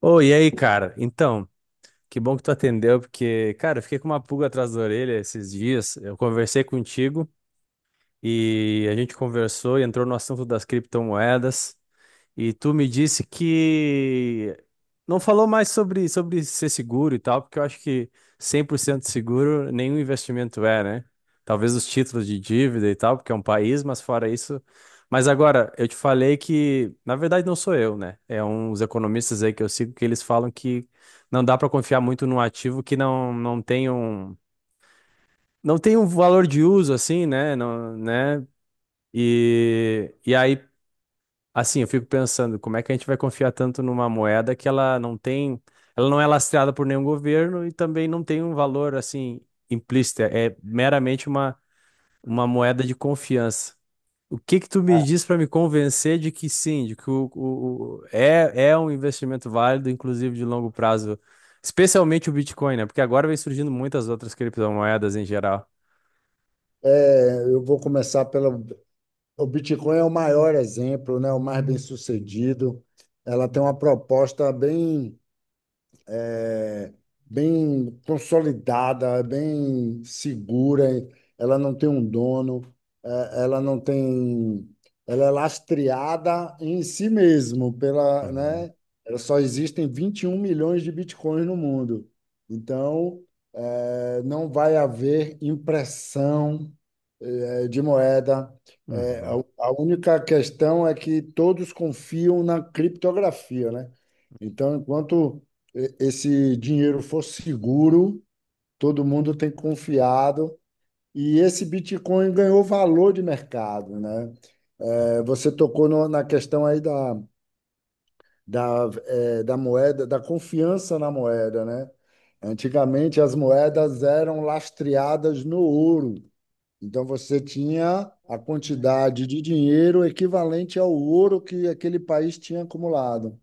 Ô, e aí, cara? Então, que bom que tu atendeu, porque, cara, eu fiquei com uma pulga atrás da orelha esses dias. Eu conversei contigo e a gente conversou e entrou no assunto das criptomoedas. E tu me disse que não falou mais sobre ser seguro e tal, porque eu acho que 100% seguro nenhum investimento é, né? Talvez os títulos de dívida e tal, porque é um país, mas fora isso. Mas agora, eu te falei que, na verdade, não sou eu, né? É uns economistas aí que eu sigo que eles falam que não dá para confiar muito num ativo que não tem um valor de uso assim, né? Não, né? E aí Assim, eu fico pensando, como é que a gente vai confiar tanto numa moeda que ela não é lastreada por nenhum governo e também não tem um valor assim implícito, é meramente uma moeda de confiança. O que que tu me diz para me convencer de que sim, de que é um investimento válido, inclusive de longo prazo, especialmente o Bitcoin, né? Porque agora vem surgindo muitas outras criptomoedas em geral. Eu vou começar pelo. O Bitcoin é o maior exemplo, né? O mais bem-sucedido. Ela tem uma proposta bem é, bem consolidada, bem segura, ela não tem um dono, ela não tem. Ela é lastreada em si mesmo, pela, Uhum, né? Ela Só existem 21 milhões de bitcoins no mundo. Então, não vai haver impressão, de moeda. É, uhum. a, a única questão é que todos confiam na criptografia, né? Então, enquanto esse dinheiro for seguro, todo mundo tem confiado. E esse Bitcoin ganhou valor de mercado, né? É, você tocou na questão aí da, da moeda, da confiança na moeda, né? Antigamente as moedas eram lastreadas no ouro. Então você tinha a quantidade de dinheiro equivalente ao ouro que aquele país tinha acumulado.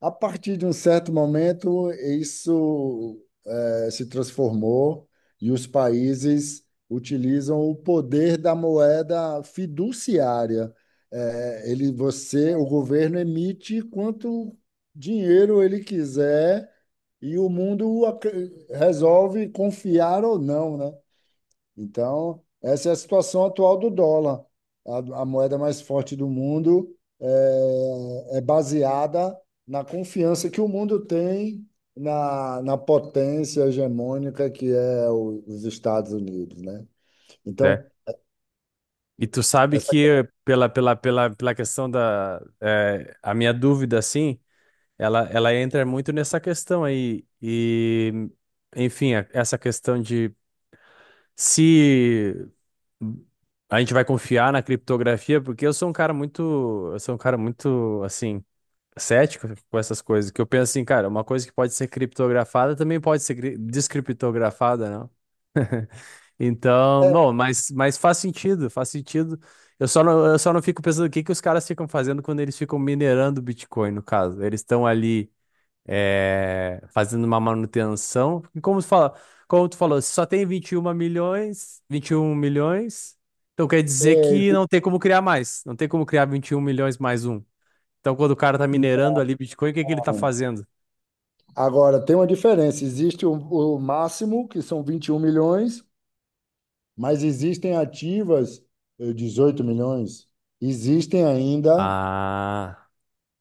A partir de um certo momento, isso se transformou e os países utilizam o poder da moeda fiduciária. O governo emite quanto dinheiro ele quiser e o mundo resolve confiar ou não, né? Então, essa é a situação atual do dólar. A moeda mais forte do mundo é baseada na confiança que o mundo tem na, na potência hegemônica que é os Estados Unidos, né? Então, E tu sabe essa que pela questão a minha dúvida assim, ela entra muito nessa questão aí e enfim, essa questão de se a gente vai confiar na criptografia, porque eu sou um cara muito assim cético com essas coisas, que eu penso assim, cara, uma coisa que pode ser criptografada também pode ser descriptografada, né? Então, é, bom, mas faz sentido, faz sentido. Eu só não fico pensando o que que os caras ficam fazendo quando eles ficam minerando o Bitcoin, no caso. Eles estão ali fazendo uma manutenção. E como tu falou, se só tem 21 milhões, 21 milhões, então quer dizer é, que não tem como criar mais. Não tem como criar 21 milhões mais um. Então, quando o cara tá minerando ali Bitcoin, o que que ele tá não. fazendo? Agora, tem uma diferença. Existe o máximo, que são 21 milhões, mas existem ativas 18 milhões. Existem ainda Ah.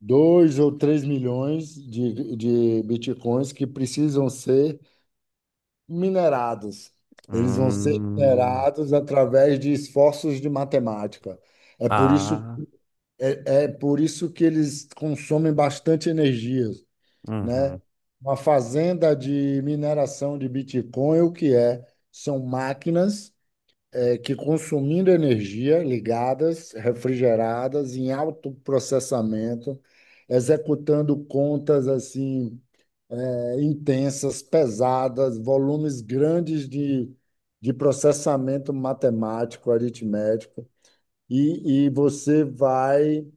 dois ou três milhões de bitcoins que precisam ser minerados. Eles vão ser Hum. minerados através de esforços de matemática. É por isso, Ah. É por isso que eles consomem bastante energia, né? Uhum. Uma fazenda de mineração de Bitcoin, o que é? São máquinas que consumindo energia ligadas, refrigeradas, em alto processamento, executando contas assim intensas, pesadas, volumes grandes de processamento matemático, aritmético, e você vai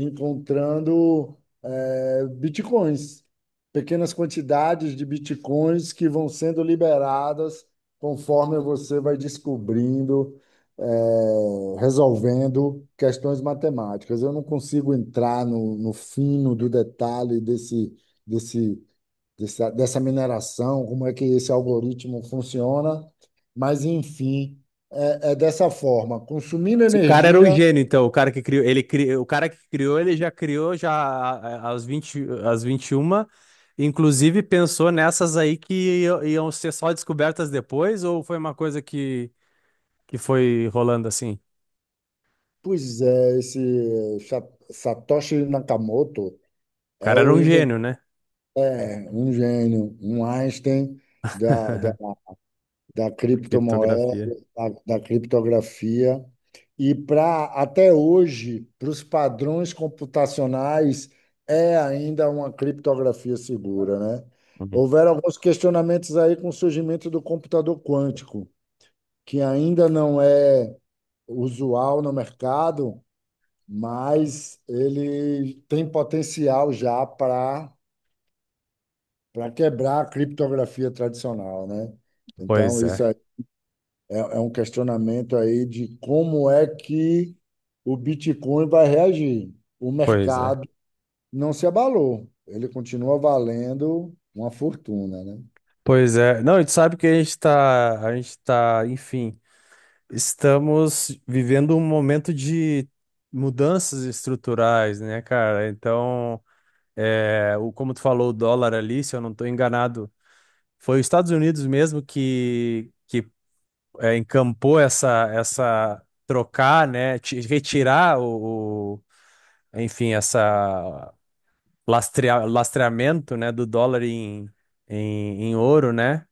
encontrando bitcoins, pequenas quantidades de bitcoins que vão sendo liberadas conforme você vai descobrindo, resolvendo questões matemáticas. Eu não consigo entrar no, no fino do detalhe desse, desse, dessa, dessa mineração, como é que esse algoritmo funciona, mas enfim. É, é dessa forma, consumindo O cara era um energia. gênio, então, o cara que criou, ele já criou já a- aos 20 às 21 inclusive pensou nessas aí que iam ser só descobertas depois, ou foi uma coisa que foi rolando assim? Pois é, esse Satoshi Nakamoto O é cara era o um gênio, né? é um gênio, um Einstein da, da, da Da criptomoeda, Criptografia. da, da criptografia. E para até hoje, para os padrões computacionais, é ainda uma criptografia segura, né? Uhum. Houveram alguns questionamentos aí com o surgimento do computador quântico, que ainda não é usual no mercado, mas ele tem potencial já para quebrar a criptografia tradicional, né? Então, Pois isso é, é um questionamento aí de como é que o Bitcoin vai reagir. O pois é. mercado não se abalou, ele continua valendo uma fortuna, né? Pois é. Não, e tu sabe que enfim, estamos vivendo um momento de mudanças estruturais, né, cara? Então, como tu falou, o dólar ali, se eu não estou enganado, foi os Estados Unidos mesmo que encampou essa trocar, né, retirar enfim, essa lastreamento, né, do dólar em ouro, né,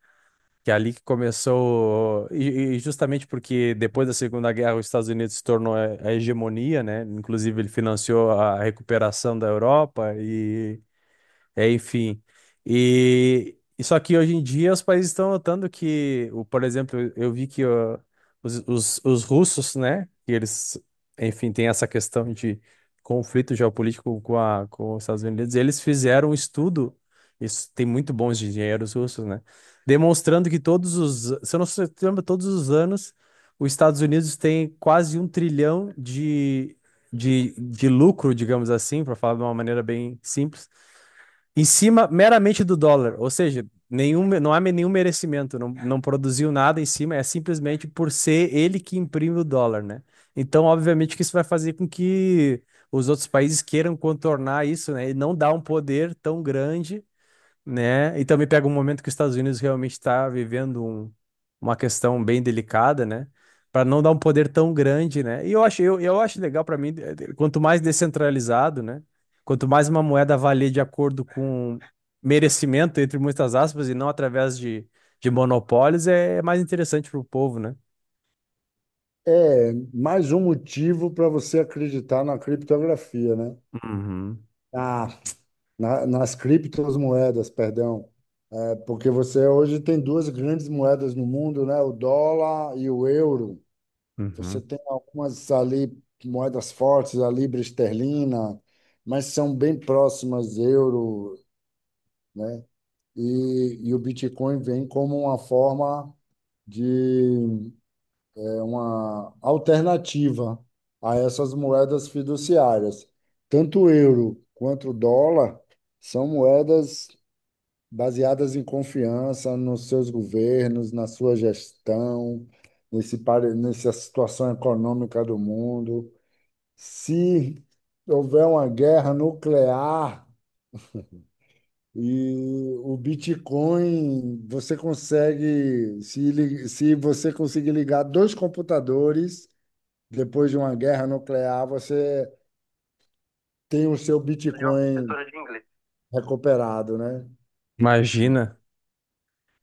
que é ali que começou, e justamente porque depois da Segunda Guerra os Estados Unidos se tornou a hegemonia, né, inclusive ele financiou a recuperação da Europa enfim. E só que hoje em dia os países estão notando que, por exemplo, eu vi que ó, os russos, né, que eles, enfim, têm essa questão de conflito geopolítico com com os Estados Unidos, eles fizeram um estudo, isso tem muito bons engenheiros russos, né, demonstrando que se eu não se lembra, todos os anos os Estados Unidos têm quase 1 trilhão de lucro, digamos assim, para falar de uma maneira bem simples em cima meramente do dólar, ou seja, não há nenhum merecimento, não produziu nada em cima, é simplesmente por ser ele que imprime o dólar, né? Então, obviamente que isso vai fazer com que os outros países queiram contornar isso, né? E não dar um poder tão grande, né? E também pega um momento que os Estados Unidos realmente está vivendo uma questão bem delicada, né? Para não dar um poder tão grande, né? E eu acho, eu acho legal para mim, quanto mais descentralizado, né? Quanto mais uma moeda valer de acordo com merecimento, entre muitas aspas, e não através de monopólios, é mais interessante para o povo, né? É mais um motivo para você acreditar na criptografia, né? Uhum, Ah, nas criptomoedas, perdão. Porque você hoje tem duas grandes moedas no mundo, né? O dólar e o euro. Você uhum. tem algumas ali moedas fortes, a libra esterlina, mas são bem próximas euro, né? E o Bitcoin vem como uma forma de uma alternativa a essas moedas fiduciárias. Tanto o euro quanto o dólar são moedas baseadas em confiança nos seus governos, na sua gestão, nesse, nessa situação econômica do mundo. Se houver uma guerra nuclear e o Bitcoin, você consegue, se você conseguir ligar dois computadores depois de uma guerra nuclear, você tem o seu Fazer uma Bitcoin professora de inglês. recuperado, né? Imagina.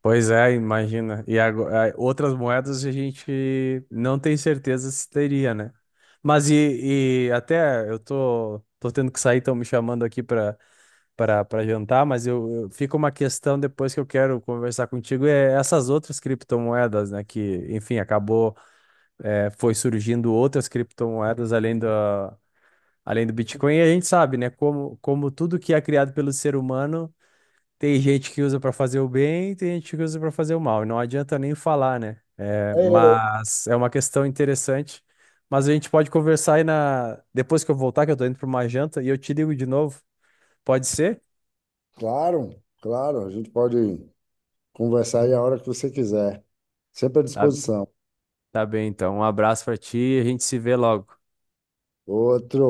Pois é, imagina. E outras moedas a gente não tem certeza se teria, né? Mas e até eu tô tendo que sair, estão me chamando aqui para jantar, mas fica uma questão depois que eu quero conversar contigo, é essas outras criptomoedas, né? Que, enfim, acabou, foi surgindo outras criptomoedas além do Bitcoin, e a gente sabe, né? Como, como tudo que é criado pelo ser humano. Tem gente que usa pra fazer o bem, tem gente que usa pra fazer o mal. E não adianta nem falar, né? É, É, mas é uma questão interessante. Mas a gente pode conversar aí depois que eu voltar, que eu tô indo pra uma janta, e eu te ligo de novo. Pode ser? claro, claro, a gente pode. Conversar aí a hora que você quiser. Sempre à Tá, disposição. tá bem, então. Um abraço pra ti e a gente se vê logo. Outro.